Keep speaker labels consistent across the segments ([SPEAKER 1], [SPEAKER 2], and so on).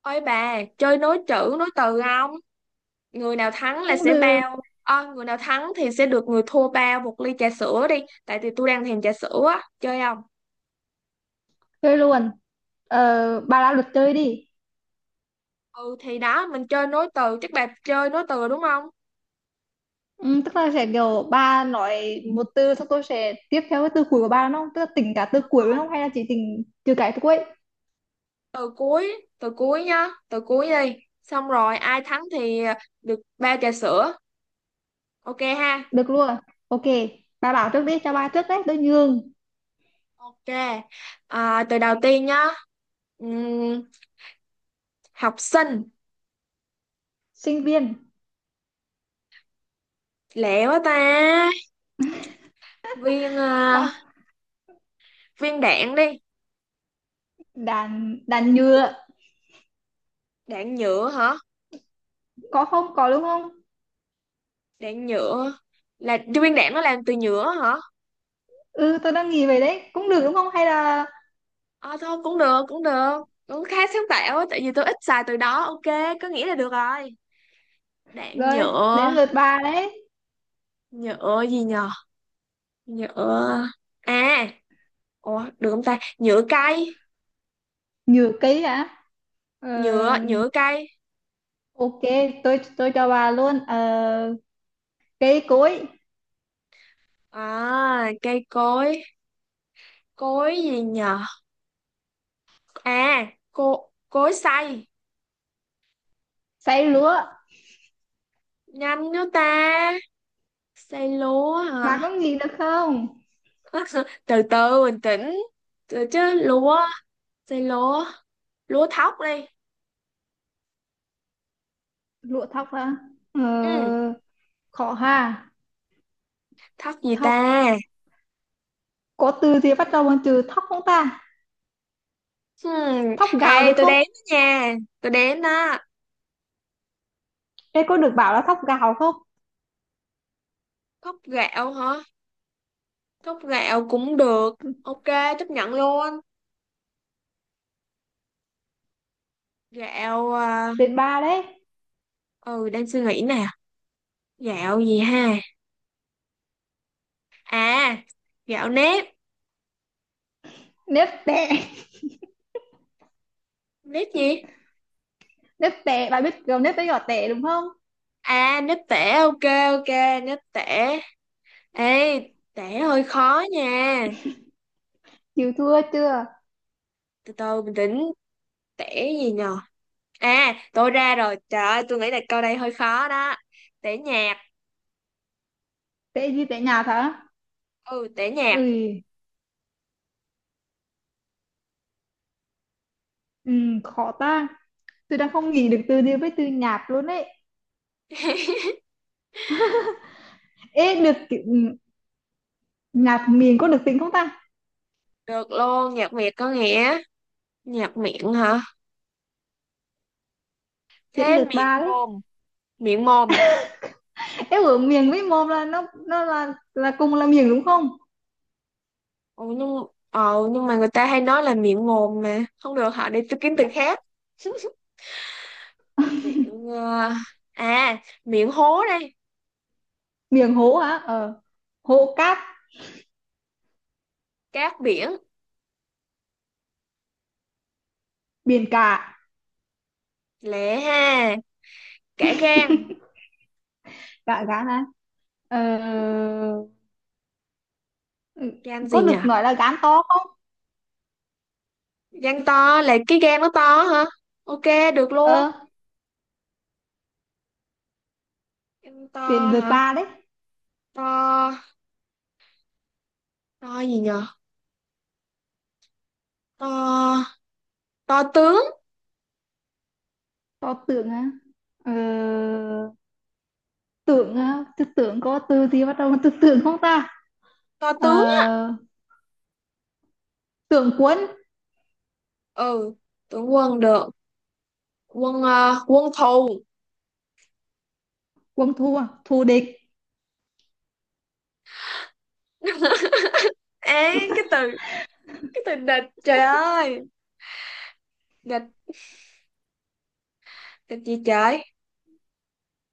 [SPEAKER 1] Ôi bà, chơi nối chữ, nối từ không? Người nào thắng là
[SPEAKER 2] Cũng
[SPEAKER 1] sẽ
[SPEAKER 2] được.
[SPEAKER 1] bao. Ờ, Người nào thắng thì sẽ được người thua bao một ly trà sữa đi. Tại vì tôi đang thèm trà sữa á. Chơi không?
[SPEAKER 2] Chơi luôn. Bà ra luật chơi đi.
[SPEAKER 1] Ừ thì đó, mình chơi nối từ. Chắc bà chơi nối từ đúng không?
[SPEAKER 2] Ừ, tức là sẽ kiểu bà nói một từ xong tôi sẽ tiếp theo cái từ cuối của bà, đúng không? Tức là tính cả từ cuối, đúng không, hay là chỉ tính trừ cái từ cuối?
[SPEAKER 1] Từ cuối nhá. Từ cuối đi. Xong rồi, ai thắng thì được bao trà sữa. Ok ha?
[SPEAKER 2] Được luôn. OK. Bà bảo trước đi, cho bà trước đấy, tôi nhường.
[SPEAKER 1] Ok. À, từ đầu tiên nhá. Ừm, học sinh.
[SPEAKER 2] Sinh viên.
[SPEAKER 1] Lẹ quá ta. Viên, à,
[SPEAKER 2] Bà,
[SPEAKER 1] viên đạn đi.
[SPEAKER 2] đàn đàn nhựa.
[SPEAKER 1] Đạn nhựa hả?
[SPEAKER 2] Có không, có đúng không?
[SPEAKER 1] Đạn nhựa là Trung Nguyên đạn nó làm từ nhựa hả?
[SPEAKER 2] Ừ, tôi đang nghĩ về đấy cũng được, đúng không, hay là...
[SPEAKER 1] Ờ thôi cũng được, cũng được, cũng khá sáng tạo á. Tại vì tôi ít xài từ đó. Ok, có nghĩa là được rồi. Đạn
[SPEAKER 2] Rồi, đến
[SPEAKER 1] nhựa.
[SPEAKER 2] lượt bà đấy.
[SPEAKER 1] Nhựa gì nhờ? Nhựa, à, ủa được không ta? Nhựa cây.
[SPEAKER 2] Nhựa cây hả? ờ,
[SPEAKER 1] Nhựa nhựa cây.
[SPEAKER 2] OK. Tôi cho bà luôn. Ờ, Cây cối.
[SPEAKER 1] À, cây cối. Cối gì nhờ? À, cối xay.
[SPEAKER 2] Xay lúa.
[SPEAKER 1] Nhanh nữa ta. Xay lúa hả?
[SPEAKER 2] Bà có nghĩ được không?
[SPEAKER 1] Từ từ, bình tĩnh. Từ chứ lúa. Xay lúa. Lúa thóc đi.
[SPEAKER 2] Lúa thóc à?
[SPEAKER 1] Ừ.
[SPEAKER 2] ờ, Khó ha.
[SPEAKER 1] Thóc gì
[SPEAKER 2] Thóc.
[SPEAKER 1] ta?
[SPEAKER 2] Có từ gì bắt đầu bằng từ thóc không ta?
[SPEAKER 1] Hmm.
[SPEAKER 2] Thóc
[SPEAKER 1] Ê,
[SPEAKER 2] gạo được
[SPEAKER 1] tôi
[SPEAKER 2] không?
[SPEAKER 1] đếm đó nha. Tôi đếm đó.
[SPEAKER 2] Ê, có được bảo là thóc gạo không?
[SPEAKER 1] Thóc gạo hả? Thóc gạo cũng được. Ok, chấp nhận luôn. Gạo, à,
[SPEAKER 2] Đến ba đấy.
[SPEAKER 1] ừ, đang suy nghĩ nè. Gạo gì ha? À, gạo nếp.
[SPEAKER 2] Nếp tẻ.
[SPEAKER 1] Nếp gì?
[SPEAKER 2] Nếp tẻ, bà biết kiểu nếp với giỏ tẻ đúng không?
[SPEAKER 1] À, nếp tẻ. Ok, ok, nếp tẻ. Ê, tẻ hơi khó nha.
[SPEAKER 2] Chịu thua chưa?
[SPEAKER 1] Từ từ, bình tĩnh. Tẻ gì nhờ? À, tôi ra rồi, trời ơi, tôi nghĩ là câu đây hơi khó đó. Tẻ nhà.
[SPEAKER 2] Tệ gì? Tệ nhạt hả?
[SPEAKER 1] Ừ, tẻ nhạt.
[SPEAKER 2] Ui. Ừ, khó ta. Tôi đang không nghĩ được từ gì với từ nhạt luôn đấy. Ê, được kiểu, nhạt miền có được tính không ta?
[SPEAKER 1] Được luôn, nhạc Việt có nghĩa. Nhạc miệng hả?
[SPEAKER 2] Đến
[SPEAKER 1] Thế
[SPEAKER 2] lượt
[SPEAKER 1] miệng
[SPEAKER 2] ba đấy.
[SPEAKER 1] mồm. Miệng mồm.
[SPEAKER 2] Em ở miền với mồm là nó là cùng là miền, đúng không?
[SPEAKER 1] Ừ, nhưng mà người ta hay nói là miệng mồm mà không được hả, để tôi kiếm từ khác. miệng ờ, à miệng hố đây.
[SPEAKER 2] Miền hố hả? Ờ. Hố cát.
[SPEAKER 1] Cát biển.
[SPEAKER 2] Biển cả.
[SPEAKER 1] Lẹ ha. Cả gan.
[SPEAKER 2] Cả gán á. Ờ.
[SPEAKER 1] Gan
[SPEAKER 2] Có
[SPEAKER 1] gì nhỉ?
[SPEAKER 2] được nói là gán to không?
[SPEAKER 1] Gan to là cái gan nó to hả? Ok, được luôn.
[SPEAKER 2] Ờ.
[SPEAKER 1] Gan to
[SPEAKER 2] Đến lượt
[SPEAKER 1] hả?
[SPEAKER 2] bà đấy.
[SPEAKER 1] To. To gì nhỉ? To. To tướng.
[SPEAKER 2] To tưởng á. Ờ. Tưởng á, tư tưởng có từ gì bắt đầu từ tưởng không ta?
[SPEAKER 1] To tướng.
[SPEAKER 2] Ờ. Tưởng quân.
[SPEAKER 1] Ừ, tướng quân được. Quân thù.
[SPEAKER 2] Quân thua, thù địch.
[SPEAKER 1] Ấy cái từ địch, trời ơi. Địch. Địch gì trời?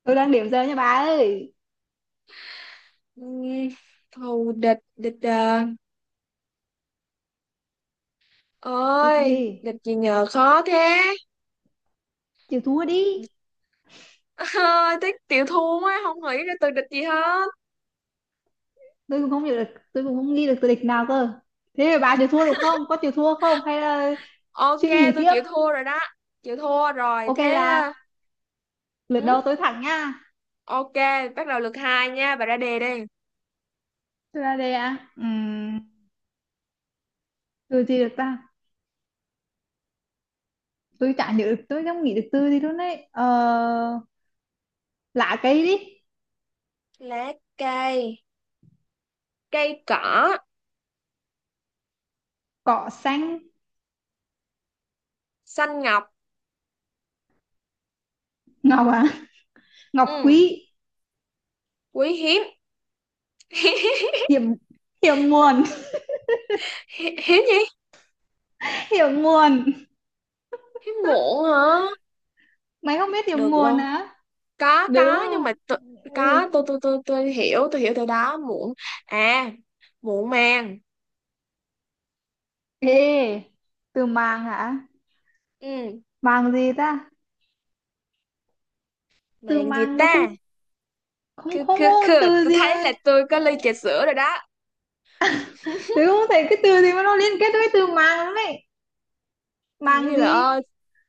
[SPEAKER 2] Tôi đang điểm giờ nha bà ơi.
[SPEAKER 1] Ừm, Thù địch. Địch,
[SPEAKER 2] Địch
[SPEAKER 1] ơi,
[SPEAKER 2] gì?
[SPEAKER 1] địch gì nhờ, khó thế.
[SPEAKER 2] Chịu thua đi.
[SPEAKER 1] Địch- Ơi, tiếc chịu thua á, không nghĩ ra từ địch gì hết.
[SPEAKER 2] Tôi cũng không hiểu được, tôi cũng không nghĩ được từ địch nào cơ. Thế thì bà chịu thua được không, có chịu thua không hay là
[SPEAKER 1] Ok,
[SPEAKER 2] suy nghĩ
[SPEAKER 1] tôi
[SPEAKER 2] tiếp?
[SPEAKER 1] chịu thua rồi đó. Chịu thua rồi,
[SPEAKER 2] OK
[SPEAKER 1] thế...
[SPEAKER 2] là lượt
[SPEAKER 1] Ừ,
[SPEAKER 2] đầu tôi thẳng nha.
[SPEAKER 1] ok, bắt đầu lượt hai nha, bà ra đề đi.
[SPEAKER 2] Tôi ra đây à. Từ gì được ta? Tôi chả nhớ được, tôi không nghĩ được từ gì luôn đấy. Ờ, Lá cây đi.
[SPEAKER 1] Lá cây, cây cỏ,
[SPEAKER 2] Cỏ xanh.
[SPEAKER 1] xanh ngọc,
[SPEAKER 2] Ngọc à. Ngọc quý.
[SPEAKER 1] ừ, quý hiếm.
[SPEAKER 2] Hiểm. Hiểm nguồn.
[SPEAKER 1] Hiếm gì?
[SPEAKER 2] Hiểm nguồn.
[SPEAKER 1] Hiếm muộn hả?
[SPEAKER 2] Mày không biết hiểm
[SPEAKER 1] Được
[SPEAKER 2] nguồn
[SPEAKER 1] luôn.
[SPEAKER 2] hả? Đúng
[SPEAKER 1] Có, nhưng
[SPEAKER 2] không?
[SPEAKER 1] mà tu-
[SPEAKER 2] Ừ.
[SPEAKER 1] có, tôi hiểu từ đó. Muộn. À, muộn màng.
[SPEAKER 2] Ê, từ màng hả?
[SPEAKER 1] Ừ,
[SPEAKER 2] Màng gì ta? Từ
[SPEAKER 1] màng gì
[SPEAKER 2] màng nó
[SPEAKER 1] ta?
[SPEAKER 2] cũng... Không,
[SPEAKER 1] Cứ,
[SPEAKER 2] không
[SPEAKER 1] cứ,
[SPEAKER 2] có
[SPEAKER 1] cứ.
[SPEAKER 2] từ
[SPEAKER 1] Tôi
[SPEAKER 2] gì
[SPEAKER 1] thấy là
[SPEAKER 2] mà.
[SPEAKER 1] tôi có ly trà sữa rồi đó.
[SPEAKER 2] Tớ không thấy cái từ gì mà nó liên kết với từ màng lắm ấy.
[SPEAKER 1] Tôi nghĩ
[SPEAKER 2] Màng
[SPEAKER 1] đi bà
[SPEAKER 2] gì?
[SPEAKER 1] ơi,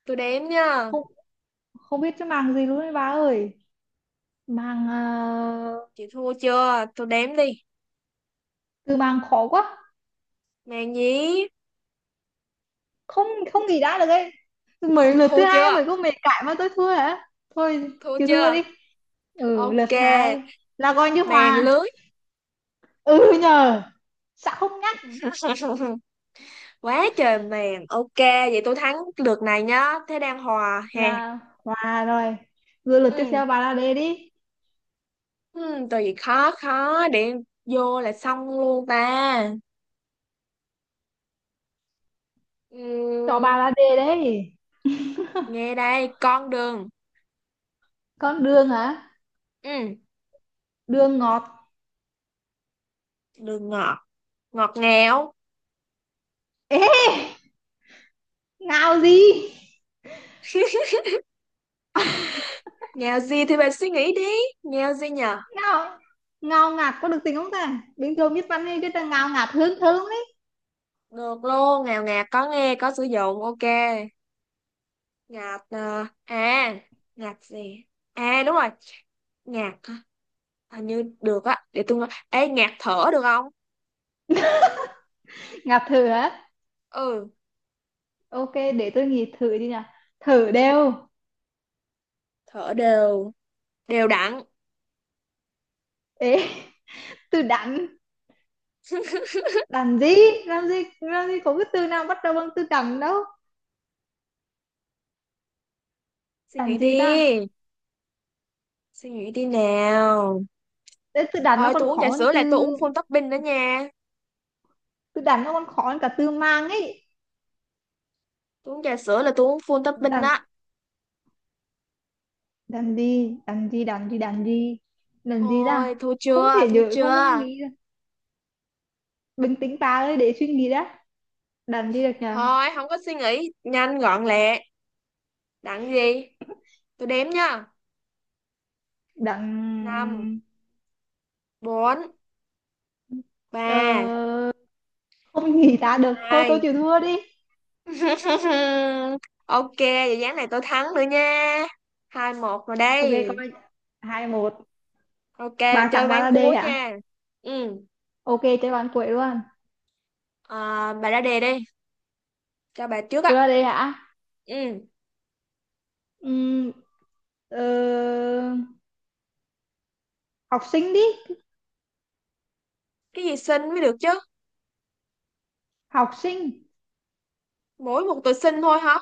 [SPEAKER 1] tôi đếm nha.
[SPEAKER 2] Không, không biết cái màng gì luôn đấy bà ơi. Màng. Ờ,
[SPEAKER 1] Chị thua chưa? Tôi đếm đi.
[SPEAKER 2] Từ màng khó quá.
[SPEAKER 1] Màng gì?
[SPEAKER 2] Không, không nghĩ ra được ấy. Mấy
[SPEAKER 1] Tôi
[SPEAKER 2] lượt
[SPEAKER 1] thua
[SPEAKER 2] thứ hai
[SPEAKER 1] chưa?
[SPEAKER 2] mới có mày cãi mà tôi thua hả? Thôi.
[SPEAKER 1] Thua
[SPEAKER 2] Chịu thua
[SPEAKER 1] chưa?
[SPEAKER 2] đi. Ừ,
[SPEAKER 1] Ok,
[SPEAKER 2] lượt hai là coi như
[SPEAKER 1] màng
[SPEAKER 2] hòa.
[SPEAKER 1] lưới.
[SPEAKER 2] Ừ nhờ. Sao không nhắc?
[SPEAKER 1] Quá trời màng. Ok, vậy tôi thắng lượt này nhá. Thế đang hòa hè.
[SPEAKER 2] Là hòa rồi. Rồi lượt tiếp
[SPEAKER 1] Ừ.
[SPEAKER 2] theo, bà là đề đi.
[SPEAKER 1] Ừ, từ gì khó khó để vô là xong luôn ta.
[SPEAKER 2] Cho
[SPEAKER 1] Ừ,
[SPEAKER 2] bà là đề đấy.
[SPEAKER 1] nghe đây. Con đường.
[SPEAKER 2] Con đường hả?
[SPEAKER 1] Ừ,
[SPEAKER 2] Đường ngọt.
[SPEAKER 1] đường ngọt. Ngọt ngào.
[SPEAKER 2] Ê, ngào gì?
[SPEAKER 1] Ngào gì thì bạn suy nghĩ đi. Ngào gì nhờ?
[SPEAKER 2] Ngào, ngào ngạt có được tính không ta? Bình thường biết văn hay cái là ngào ngạt hơn thơm đấy.
[SPEAKER 1] Được luôn, ngào ngạt có nghe có sử dụng. Ok, ngạt ờ, à ngạt gì? À, đúng rồi. Ngạt hả? Hình như được á, để tôi nói. Ê, ngạt thở được không?
[SPEAKER 2] Ngạt thử hả.
[SPEAKER 1] Ừ.
[SPEAKER 2] OK, để tôi nghĩ thử đi nào. Thử đều.
[SPEAKER 1] Thở đều. Đều đặn.
[SPEAKER 2] Ê, từ đắn. Đắn gì? Làm gì? Làm gì có cái từ nào bắt đầu bằng từ đắn đâu.
[SPEAKER 1] Suy nghĩ
[SPEAKER 2] Đắn gì
[SPEAKER 1] đi.
[SPEAKER 2] ta?
[SPEAKER 1] Suy nghĩ đi nào.
[SPEAKER 2] Thế từ đắn nó
[SPEAKER 1] Ờ,
[SPEAKER 2] còn
[SPEAKER 1] tôi uống
[SPEAKER 2] khó
[SPEAKER 1] trà
[SPEAKER 2] hơn
[SPEAKER 1] sữa là tôi
[SPEAKER 2] từ...
[SPEAKER 1] uống full topping đó nha.
[SPEAKER 2] Từ đắn nó còn khó hơn cả từ mang ấy.
[SPEAKER 1] Tôi uống trà sữa là tôi uống full topping
[SPEAKER 2] Đắn,
[SPEAKER 1] đó.
[SPEAKER 2] đắn gì? Đắn gì? Đắn gì? Đắn gì? Đắn gì
[SPEAKER 1] Thôi,
[SPEAKER 2] ta?
[SPEAKER 1] thua
[SPEAKER 2] Không
[SPEAKER 1] chưa,
[SPEAKER 2] thể
[SPEAKER 1] thua
[SPEAKER 2] nhớ, không, không
[SPEAKER 1] chưa.
[SPEAKER 2] nghĩ ra. Bình tĩnh bà ơi, để suy nghĩ đã. Đắn gì được nhờ?
[SPEAKER 1] Thôi, không có suy nghĩ. Nhanh, gọn lẹ. Đặng gì? Tôi đếm nha. Năm,
[SPEAKER 2] Đặng.
[SPEAKER 1] bốn,
[SPEAKER 2] ờ,
[SPEAKER 1] ba,
[SPEAKER 2] Không nghĩ ra được, thôi tôi
[SPEAKER 1] hai,
[SPEAKER 2] chịu thua đi.
[SPEAKER 1] ok, vậy ván này tôi thắng nữa nha. 2-1 rồi
[SPEAKER 2] OK,
[SPEAKER 1] đây.
[SPEAKER 2] coi. 2-1.
[SPEAKER 1] Ok,
[SPEAKER 2] Ba
[SPEAKER 1] mình chơi
[SPEAKER 2] thằng, ba
[SPEAKER 1] ván
[SPEAKER 2] là D
[SPEAKER 1] cuối
[SPEAKER 2] hả?
[SPEAKER 1] nha. Ừ,
[SPEAKER 2] OK, chơi bàn quậy luôn.
[SPEAKER 1] à, bà ra đề đi. Cho bà trước
[SPEAKER 2] Tôi là
[SPEAKER 1] á.
[SPEAKER 2] D hả?
[SPEAKER 1] Ừ,
[SPEAKER 2] Ừm, ờ, Học sinh đi.
[SPEAKER 1] cái gì xinh mới được chứ.
[SPEAKER 2] Học sinh.
[SPEAKER 1] Mỗi một từ xinh thôi hả?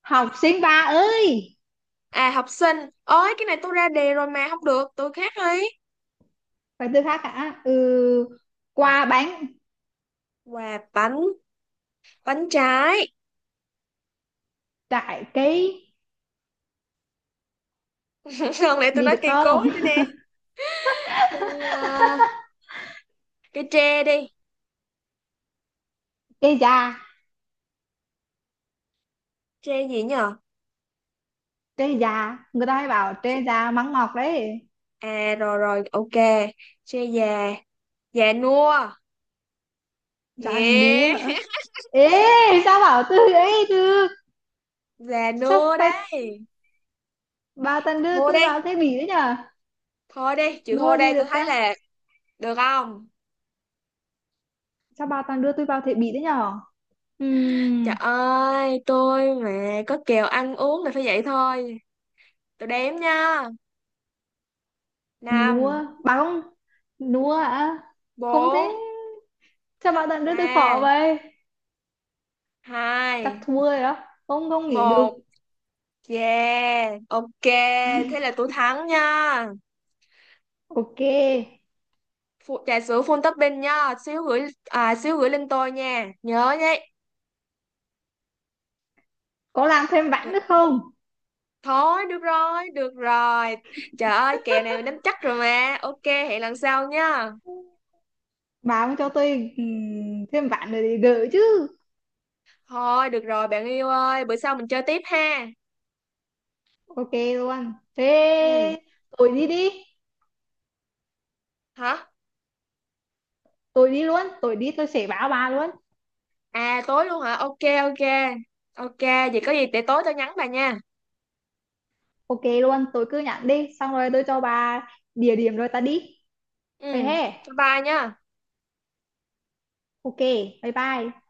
[SPEAKER 2] Học sinh ba ơi.
[SPEAKER 1] À, học sinh, ơi cái này tôi ra đề rồi mà không được, tôi khác đi.
[SPEAKER 2] Phải từ khác hả? Ừ, qua bánh.
[SPEAKER 1] Quà bánh, bánh trái.
[SPEAKER 2] Trái cây.
[SPEAKER 1] Không lẽ tôi
[SPEAKER 2] Gì
[SPEAKER 1] nói
[SPEAKER 2] được
[SPEAKER 1] cây
[SPEAKER 2] không?
[SPEAKER 1] cối nữa nè. Cây ờ, cây tre đi.
[SPEAKER 2] Cây già.
[SPEAKER 1] Tre gì nhờ?
[SPEAKER 2] Cây già, người ta hay bảo cây già mắng ngọt đấy.
[SPEAKER 1] À, rồi rồi, ok. Tre già, già nua.
[SPEAKER 2] Già núa
[SPEAKER 1] Yeah.
[SPEAKER 2] hả? Ê, sao bảo từ ấy được?
[SPEAKER 1] Già
[SPEAKER 2] Sao
[SPEAKER 1] nua
[SPEAKER 2] phải?
[SPEAKER 1] đấy.
[SPEAKER 2] Bà toàn
[SPEAKER 1] Chịu
[SPEAKER 2] đưa
[SPEAKER 1] thua
[SPEAKER 2] tôi
[SPEAKER 1] đi.
[SPEAKER 2] vào thế bỉ đấy nhở.
[SPEAKER 1] Thôi đi, chịu thua
[SPEAKER 2] Nua gì
[SPEAKER 1] đây,
[SPEAKER 2] được
[SPEAKER 1] tôi thấy
[SPEAKER 2] ta?
[SPEAKER 1] là được không?
[SPEAKER 2] Sao bà toàn đưa tôi vào thế bỉ đấy nhở?
[SPEAKER 1] Trời
[SPEAKER 2] Ừm,
[SPEAKER 1] ơi, tôi mà có kèo ăn uống là phải vậy thôi. Tôi đếm nha.
[SPEAKER 2] Nua.
[SPEAKER 1] Năm,
[SPEAKER 2] Bà không. Nua à? Không thế.
[SPEAKER 1] 4,
[SPEAKER 2] Sao bà toàn đưa tôi khó
[SPEAKER 1] 3.
[SPEAKER 2] vậy? Chắc
[SPEAKER 1] Hai,
[SPEAKER 2] thua rồi đó. Không, không nghỉ được.
[SPEAKER 1] một. Yeah, ok, thế là tôi thắng nha.
[SPEAKER 2] OK.
[SPEAKER 1] Phụ, trà sữa full topping nha, xíu gửi lên tôi nha, nhớ nhé.
[SPEAKER 2] Có làm thêm vãn
[SPEAKER 1] Được.
[SPEAKER 2] nữa không?
[SPEAKER 1] Thôi được rồi, được rồi. Trời ơi, kèo này mình nắm chắc rồi mà. Ok, hẹn lần sau nha.
[SPEAKER 2] Bà không cho tôi thêm vãn rồi thì gỡ chứ?
[SPEAKER 1] Thôi được rồi, bạn yêu ơi, bữa sau mình chơi tiếp ha.
[SPEAKER 2] OK luôn thế.
[SPEAKER 1] Ừ.
[SPEAKER 2] Tôi đi đi.
[SPEAKER 1] Hả?
[SPEAKER 2] Tôi đi luôn, tôi đi, tôi sẽ báo bà luôn.
[SPEAKER 1] À, tối luôn hả? Ok, ok, ok, vậy có gì để tối tôi nhắn bà nha.
[SPEAKER 2] OK luôn, tôi cứ nhận đi, xong rồi tôi cho bà địa điểm rồi ta đi.
[SPEAKER 1] Ừ.
[SPEAKER 2] Vậy he.
[SPEAKER 1] Bye bye nha.
[SPEAKER 2] OK, bye bye.